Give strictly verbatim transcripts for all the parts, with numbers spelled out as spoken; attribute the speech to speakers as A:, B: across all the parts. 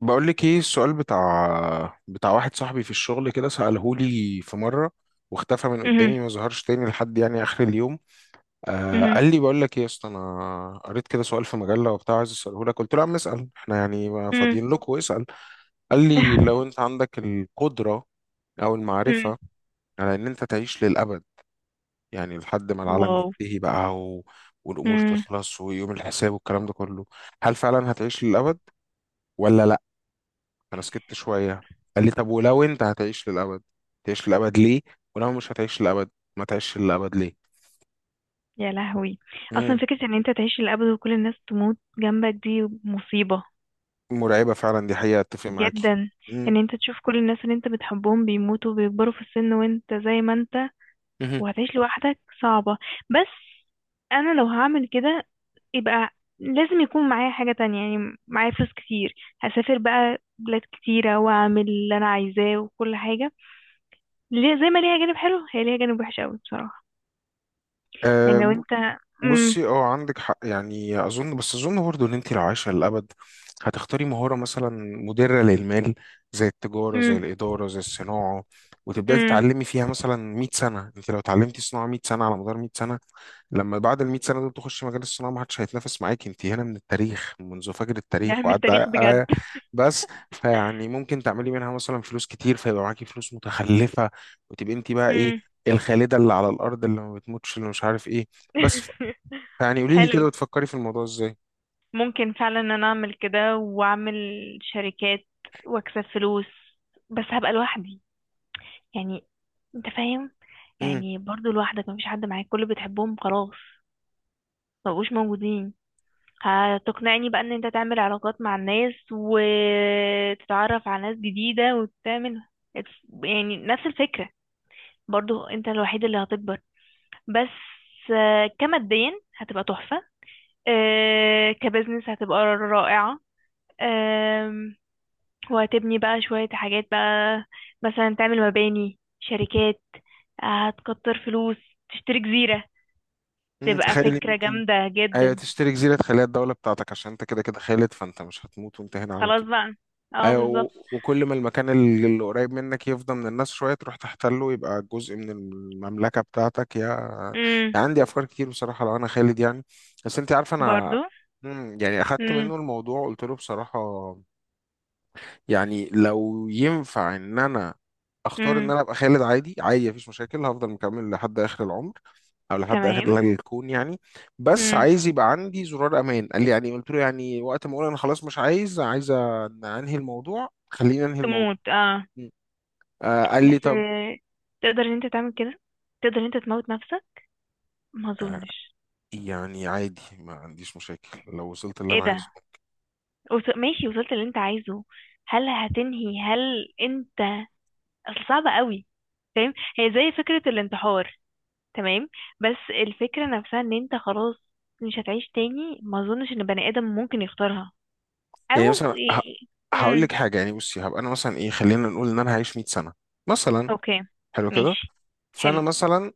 A: بقول لك ايه السؤال بتاع بتاع واحد صاحبي في الشغل كده سأله لي في مرة، واختفى من
B: مهم.
A: قدامي ما ظهرش تاني لحد يعني اخر اليوم. آه
B: مهم.
A: قال لي بقول لك ايه يا اسطى، انا قريت كده سؤال في مجلة وبتاع عايز اساله لك. قلت له يا عم اسال، احنا يعني ما
B: مم.
A: فاضيين لك، واسال. قال لي لو انت عندك القدرة او
B: مم.
A: المعرفة على ان انت تعيش للابد، يعني لحد ما العالم
B: واو.
A: ينتهي بقى و... والامور
B: مم.
A: تخلص ويوم الحساب والكلام ده كله، هل فعلا هتعيش للابد ولا؟ انا سكت شويه. قال لي طب ولو انت هتعيش للابد، تعيش للابد ليه؟ ولو مش هتعيش للابد، ما تعيش للابد ليه؟
B: يا لهوي. اصلا
A: امم
B: فكرة ان انت تعيش للابد وكل الناس تموت جنبك دي مصيبة.
A: مرعبه فعلا، دي حقيقه، اتفق معاكي.
B: جدا. ان انت تشوف كل الناس اللي انت بتحبهم بيموتوا، بيكبروا في السن وانت زي ما انت، وهتعيش لوحدك صعبة. بس انا لو هعمل كده يبقى لازم يكون معايا حاجة تانية، يعني معايا فلوس كتير. هسافر بقى بلاد كتيرة واعمل اللي انا عايزاه وكل حاجة. ليه- زي ما ليها جانب حلو هي ليها جانب وحش قوي بصراحة. يعني لو
A: امم
B: انت. امم.
A: بصي اه، عندك حق يعني، اظن، بس اظن برضه ان انت لو عايشه للابد، هتختاري مهاره مثلا مدره للمال، زي التجاره زي
B: امم.
A: الاداره زي الصناعه، وتبداي
B: امم.
A: تتعلمي فيها مثلا مية سنه. انت لو اتعلمتي صناعه مية سنه، على مدار مية سنه، لما بعد ال مية سنه دول تخشي مجال الصناعه، ما حدش هيتنافس معاك، انت هنا من التاريخ، منذ فجر
B: ده
A: التاريخ
B: من
A: وعدى
B: التاريخ بجد.
A: آه، بس. فيعني ممكن تعملي منها مثلا فلوس كتير، فيبقى معاكي فلوس متخلفه، وتبقي انت بقى ايه؟
B: امم.
A: الخالده اللي على الارض، اللي ما بتموتش، اللي مش عارف ايه. بس، يعني قولي لي
B: حلو.
A: كده بتفكري في الموضوع ازاي؟
B: ممكن فعلا ان انا اعمل كده، واعمل شركات واكسب فلوس، بس هبقى لوحدي. يعني انت فاهم.
A: امم
B: يعني برضو لوحدك مفيش حد معاك، كل اللي بتحبهم خلاص مبقوش موجودين. هتقنعني بقى ان انت تعمل علاقات مع الناس وتتعرف على ناس جديدة وتعمل. يعني نفس الفكرة، برضو انت الوحيد اللي هتكبر. بس آه، كماديا هتبقى تحفة. آه، كبزنس هتبقى رائعة. آم، وهتبني بقى شوية حاجات بقى. مثلا تعمل مباني شركات. آه، هتكتر فلوس. تشتري جزيرة.
A: امم
B: تبقى
A: تخيلي
B: فكرة
A: ممكن.
B: جامدة
A: ايوه،
B: جدا.
A: تشتري جزيره، خليها الدوله بتاعتك، عشان انت كده كده خالد، فانت مش هتموت وانت هنا على
B: خلاص
A: طول.
B: بقى. اه
A: ايوه و-
B: بالظبط.
A: وكل ما المكان اللي اللي قريب منك يفضى من الناس شويه، تروح تحتله، يبقى جزء من المملكه بتاعتك، يا
B: امم.
A: يعني عندي افكار كتير بصراحه لو انا خالد يعني. بس انت عارفه
B: برضو.
A: انا مم، يعني اخدت
B: امم.
A: منه الموضوع، قلت له بصراحه يعني لو ينفع ان انا اختار ان
B: امم.
A: انا ابقى خالد، عادي عادي مفيش مشاكل، هفضل مكمل لحد اخر العمر او لحد
B: تمام.
A: اخر الكون يعني. بس
B: امم.
A: عايز يبقى عندي زرار امان. قال لي يعني؟ قلت له يعني وقت ما اقول انا خلاص مش عايز، عايز أن- انهي الموضوع، خلينا انهي الموضوع.
B: تموت اه.
A: م. آه قال لي
B: بس
A: طب.
B: آه، تقدر ان انت تعمل كده؟ تقدر ان انت تموت نفسك؟ ما اظنش.
A: يعني عادي، ما عنديش مشاكل لو وصلت اللي
B: ايه
A: انا عايزه.
B: ده. وص- ماشي، وصلت اللي انت عايزه. هل هتنهي هل انت. اصل صعبة قوي. فاهم. هي زي فكرة الانتحار. تمام. بس الفكرة نفسها ان انت خلاص مش هتعيش تاني. ما اظنش ان بني ادم ممكن يختارها.
A: يعني
B: او.
A: مثلا ه- هقول لك
B: امم.
A: حاجه يعني. بصي، هبقى انا مثلا ايه، خلينا نقول ان انا هعيش مية سنه مثلا.
B: اوكي.
A: حلو كده.
B: ماشي.
A: فانا
B: حلو.
A: مثلا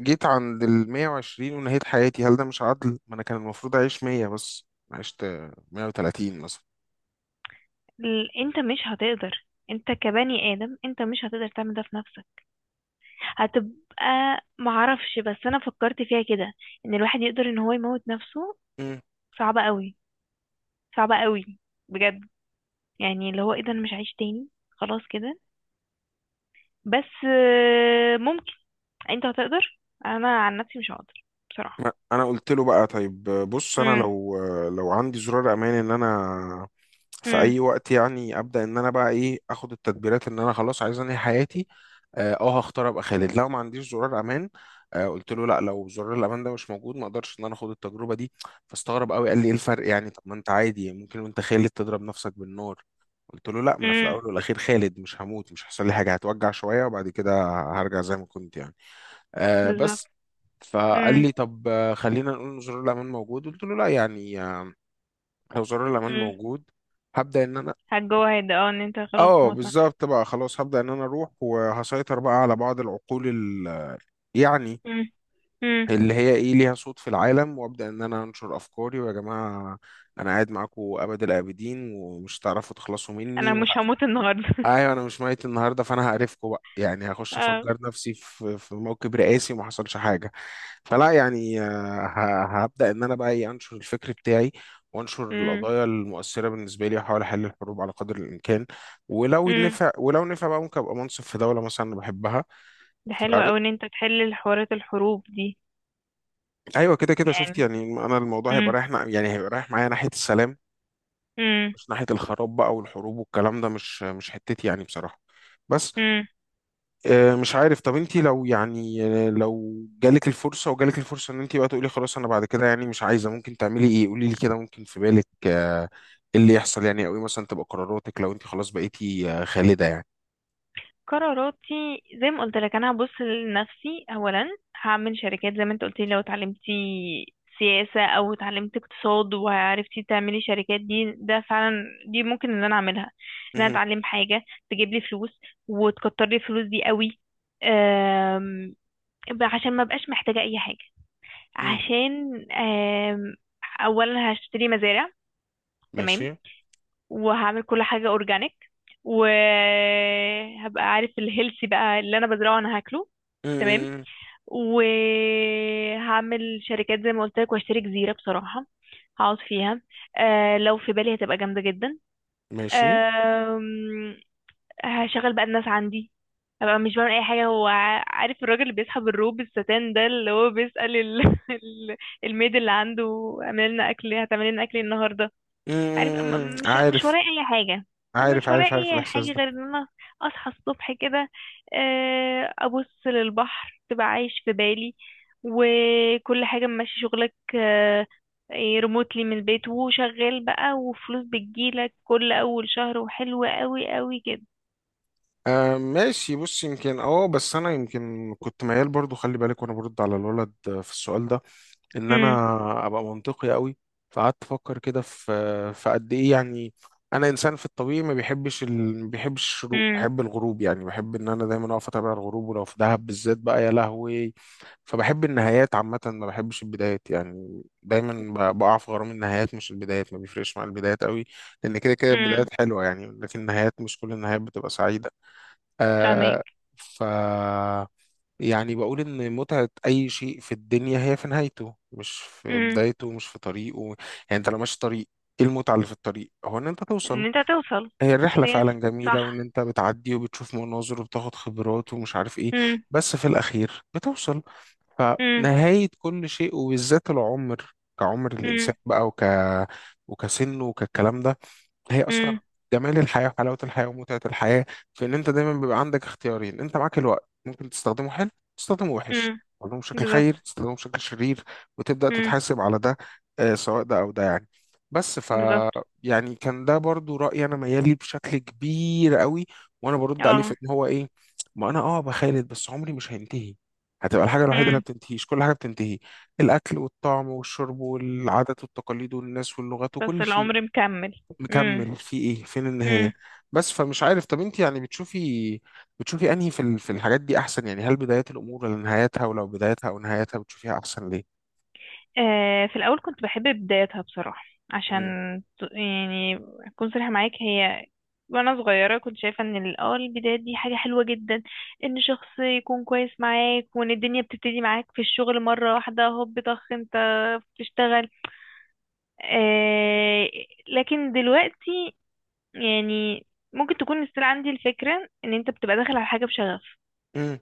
A: جيت عند ال ميه وعشرين ونهيت حياتي، هل ده مش عدل؟ ما انا كان المفروض اعيش مية بس، عشت ميه وتلاتين مثلا.
B: ال- انت مش هتقدر. انت كبني ادم انت مش هتقدر تعمل ده في نفسك. هتبقى. معرفش، بس انا فكرت فيها كده، ان الواحد يقدر ان هو يموت نفسه. صعبة قوي. صعبة قوي. بجد. يعني اللي هو ايه ده، انا مش هعيش تاني خلاص كده. بس آه، ممكن. انت هتقدر، انا عن نفسي مش هقدر بصراحة.
A: ما- انا قلت له بقى طيب بص، انا
B: امم.
A: لو لو عندي زرار امان ان انا في
B: امم.
A: اي وقت يعني ابدا ان انا بقى ايه، اخد التدبيرات ان انا خلاص عايز انهي حياتي، اه آه، هختار ابقى خالد. لو ما عنديش زرار امان، آه قلت له لا، لو زرار الامان ده مش موجود، ما اقدرش ان انا اخد التجربه دي. فاستغرب قوي قال لي ايه الفرق يعني؟ طب ما انت عادي ممكن وانت خالد تضرب نفسك بالنار. قلت له لا، ما انا في
B: امم.
A: الاول والاخير خالد، مش هموت، مش هيحصل لي حاجه، هتوجع شويه وبعد كده هرجع زي ما كنت يعني. آه
B: بالظبط.
A: بس. فقال
B: امم.
A: لي طب آه، خلينا نقول ان زرار الامان موجود. قلت له لا يعني، آه، لو زرار الامان
B: امم.
A: موجود، هبدا ان انا،
B: هتجوعد اه، ان انت خلاص
A: اه
B: تموت نفسك.
A: بالظبط بقى خلاص، هبدا ان انا اروح وهسيطر بقى على بعض العقول ال... يعني
B: امم. امم.
A: اللي هي ايه، ليها صوت في العالم، وابدا ان انا انشر افكاري. ويا جماعه انا قاعد معاكم ابد الابدين، ومش هتعرفوا تخلصوا
B: انا
A: مني.
B: مش هموت النهارده.
A: ايوه انا مش ميت النهارده، فانا هقرفكم بقى يعني، هخش
B: اه.
A: افجر نفسي في في موكب رئاسي وما حصلش حاجه. فلا يعني، آه، ه- هبدا ان انا بقى ايه، انشر الفكر بتاعي، وانشر
B: امم.
A: القضايا المؤثره بالنسبه لي، واحاول احل الحروب على قدر الامكان. ولو
B: امم.
A: نفع، ولو نفع بقى، ممكن ابقى منصف في دوله مثلا انا بحبها.
B: ده
A: ف-
B: حلو قوي ان انت تحل الحوارات الحروب دي.
A: ايوه كده كده شفت
B: يعني.
A: يعني، انا الموضوع هيبقى
B: امم.
A: رايح نع- يعني هيبقى رايح معايا ناحيه السلام، مش ناحيه الخراب بقى والحروب والكلام ده، مش مش حتتي يعني بصراحه. بس
B: امم.
A: آه، مش عارف، طب انت لو يعني آه، لو جالك الفرصة، وجالك الفرصة ان انت بقى تقولي خلاص انا بعد كده يعني مش عايزة، ممكن تعملي ايه؟ قولي لي كده، ممكن في بالك آه، ايه اللي يحصل يعني، او ايه مثلا تبقى قراراتك لو انت خلاص بقيتي آه، خالدة يعني.
B: قراراتي زي ما قلت لك انا هبص لنفسي اولا. هعمل شركات زي ما انت قلت لي، لو اتعلمتي سياسة او اتعلمت اقتصاد وعرفتي تعملي شركات دي، ده فعلا دي ممكن ان انا اعملها. ان انا
A: مهم.
B: اتعلم حاجة تجيب لي فلوس وتكتر لي الفلوس دي قوي. أم، عشان ما بقاش محتاجة اي حاجة.
A: مم.
B: عشان أم، اولا هشتري مزارع.
A: ماشي.
B: تمام. وهعمل كل حاجة اورجانيك. وهبقى عارف الهيلثي بقى اللي انا بزرعه انا هاكله. تمام.
A: مم.
B: وهعمل شركات زي ما قلت لك واشتري جزيرة بصراحة، هقعد فيها. أه لو في بالي هتبقى جامدة جدا.
A: ماشي.
B: أم، هشغل بقى الناس عندي. هبقى مش بعمل اي حاجة. هو ع- عارف الراجل اللي بيسحب الروب الستان ده اللي هو بيسأل ال- ال- الميد اللي عنده اعمل لنا اكل، هتعمل لنا اكل إيه النهاردة؟ عارف م-
A: مم.
B: م- مش مش
A: عارف.
B: ورايا اي حاجه. يعني
A: عارف
B: مش ورايا
A: عارف عارف
B: اي حاجه
A: الاحساس ده.
B: غير ان انا اصحى الصبح كده. آه، ابص للبحر تبقى عايش في بالي. وكل حاجه ماشي شغلك ريموتلي من البيت، وشغال بقى وفلوس بتجيلك كل اول شهر، وحلوه قوي قوي كده.
A: آه ماشي. بص، يمكن اه، بس انا يمكن كنت ميال برضو، خلي بالك وانا برد على الولد آه، في السؤال ده ان انا
B: امم.
A: ابقى منطقي قوي. فقعدت افكر كده في في قد ايه يعني. انا انسان في الطبيعي ما بيحبش ال... ما بيحبش الشروق،
B: امم.
A: بحب الغروب، يعني بحب ان انا دايما اقف اتابع الغروب، ولو في دهب بالذات بقى يا لهوي. فبحب النهايات عامه، ما بحبش البدايات يعني، دايما ب- بقع في غرام النهايات مش البدايات، ما بيفرقش مع البدايات قوي، لان كده كده البدايات
B: امم.
A: حلوه يعني، لكن النهايات مش كل النهايات بتبقى سعيده. آه.
B: فاهمك.
A: ف يعني بقول إن متعة أي شيء في الدنيا هي في نهايته، مش في
B: امم.
A: بدايته، مش في طريقه. يعني أنت لو ماشي طريق، إيه المتعة اللي في الطريق؟ هو إن أنت
B: ان
A: توصل.
B: انت توصل.
A: هي الرحلة
B: يس.
A: فعلا جميلة،
B: صح.
A: وإن أنت بتعدي وبتشوف مناظر وبتاخد خبرات ومش عارف إيه،
B: امم.
A: بس في الأخير بتوصل.
B: امم.
A: فنهاية كل شيء وبالذات العمر، كعمر الإنسان
B: امم.
A: بقى، وك وكسنه وكالكلام ده، هي اصلا
B: امم.
A: جمال الحياه وحلاوه الحياه ومتعه الحياه، في ان انت دايما بيبقى عندك اختيارين، انت معاك الوقت، ممكن تستخدمه حلو، تستخدمه وحش،
B: امم.
A: تستخدمه بشكل خير،
B: بالظبط.
A: تستخدمه بشكل شرير، وتبدا
B: امم.
A: تتحاسب على ده آه، سواء ده او ده يعني. بس ف
B: بالظبط.
A: يعني كان ده برضو رايي، انا ميالي بشكل كبير قوي. وانا برد عليه
B: اه.
A: في ان هو ايه، ما انا اه بخالد بس عمري مش هينتهي، هتبقى الحاجة الوحيدة اللي ما
B: امم.
A: بتنتهيش، كل حاجة بتنتهي، الأكل والطعم والشرب والعادات والتقاليد والناس واللغات
B: بس
A: وكل شيء،
B: العمر مكمل. امم.
A: مكمل في ايه، فين
B: امم.
A: النهاية؟ بس فمش عارف، طب انت يعني بتشوفي، بتشوفي انهي في ال- في الحاجات دي احسن يعني؟ هل بدايات الامور ولا نهايتها؟ ولو بدايتها او نهايتها بتشوفيها احسن، ليه؟
B: آه في الاول كنت بحب بدايتها بصراحه، عشان ت- يعني اكون صريحه معاك، هي وانا صغيره كنت شايفه ان ال- اه البدايه دي حاجه حلوه جدا. ان شخص يكون كويس معاك، وان الدنيا بتبتدي معاك في الشغل مره واحده هوب طخ انت بتشتغل. آه لكن دلوقتي، يعني ممكن تكون لسه عندي الفكره ان انت بتبقى داخل على حاجه بشغف،
A: امم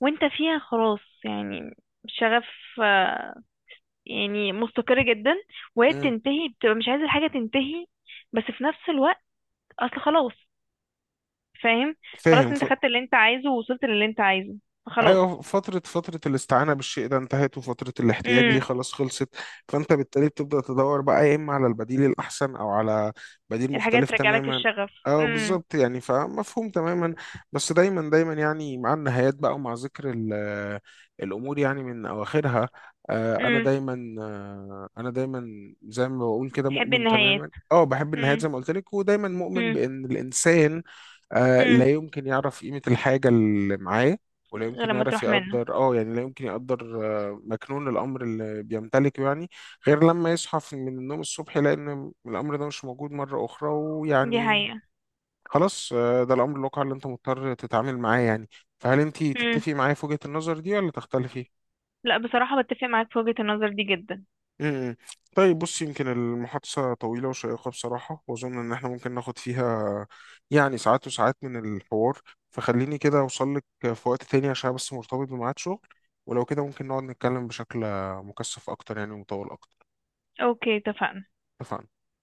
B: وانت فيها خلاص يعني. شغف. آه، يعني مستقر جدا، وهي
A: امم
B: بتنتهي بتبقى مش عايز الحاجة تنتهي. بس في نفس الوقت اصل خلاص. فاهم. خلاص
A: فاهم.
B: انت خدت اللي انت عايزه ووصلت للي انت عايزه
A: ايوه،
B: فخلاص.
A: فترة، فترة الاستعانة بالشيء ده انتهت، وفترة الاحتياج ليه
B: امم.
A: خلاص خلصت. فانت بالتالي بتبدأ تدور بقى، يا اما على البديل الاحسن، او على بديل
B: الحاجات
A: مختلف
B: ترجع لك
A: تماما.
B: الشغف.
A: اه
B: امم.
A: بالظبط يعني، فمفهوم تماما. بس دايما دايما يعني مع النهايات بقى، ومع ذكر ال- الامور يعني من اواخرها، آه انا
B: امم.
A: دايما آه انا دايما زي ما بقول كده
B: تحب
A: مؤمن
B: النهايات.
A: تماما، اه بحب النهايات زي
B: امم.
A: ما قلت لك، ودايما مؤمن
B: امم.
A: بان الانسان آه لا
B: امم.
A: يمكن يعرف قيمة الحاجة اللي معاه، ولا
B: غير
A: يمكن
B: لما
A: يعرف
B: تروح منه.
A: يقدر اه يعني لا يمكن يقدر آه، مكنون الامر اللي بيمتلكه يعني، غير لما يصحى في- من النوم الصبح، يلاقي ان الامر ده مش موجود مره اخرى،
B: دي
A: ويعني
B: حقيقة.
A: خلاص، آه، ده الامر الواقع اللي انت مضطر تتعامل معاه يعني. فهل انت
B: امم.
A: تتفقي معايا في وجهه النظر دي ولا تختلفي؟
B: لا بصراحة بتفق معاك في وجهة النظر دي جدا.
A: امم. طيب بص، يمكن المحادثة طويلة وشيقة بصراحة، وأظن إن إحنا ممكن ناخد فيها يعني ساعات وساعات من الحوار. فخليني كده أوصل لك في وقت تاني، عشان بس مرتبط بميعاد شغل، ولو كده ممكن نقعد نتكلم بشكل مكثف أكتر يعني ومطول أكتر.
B: اوكي. اتفقنا.
A: اتفقنا.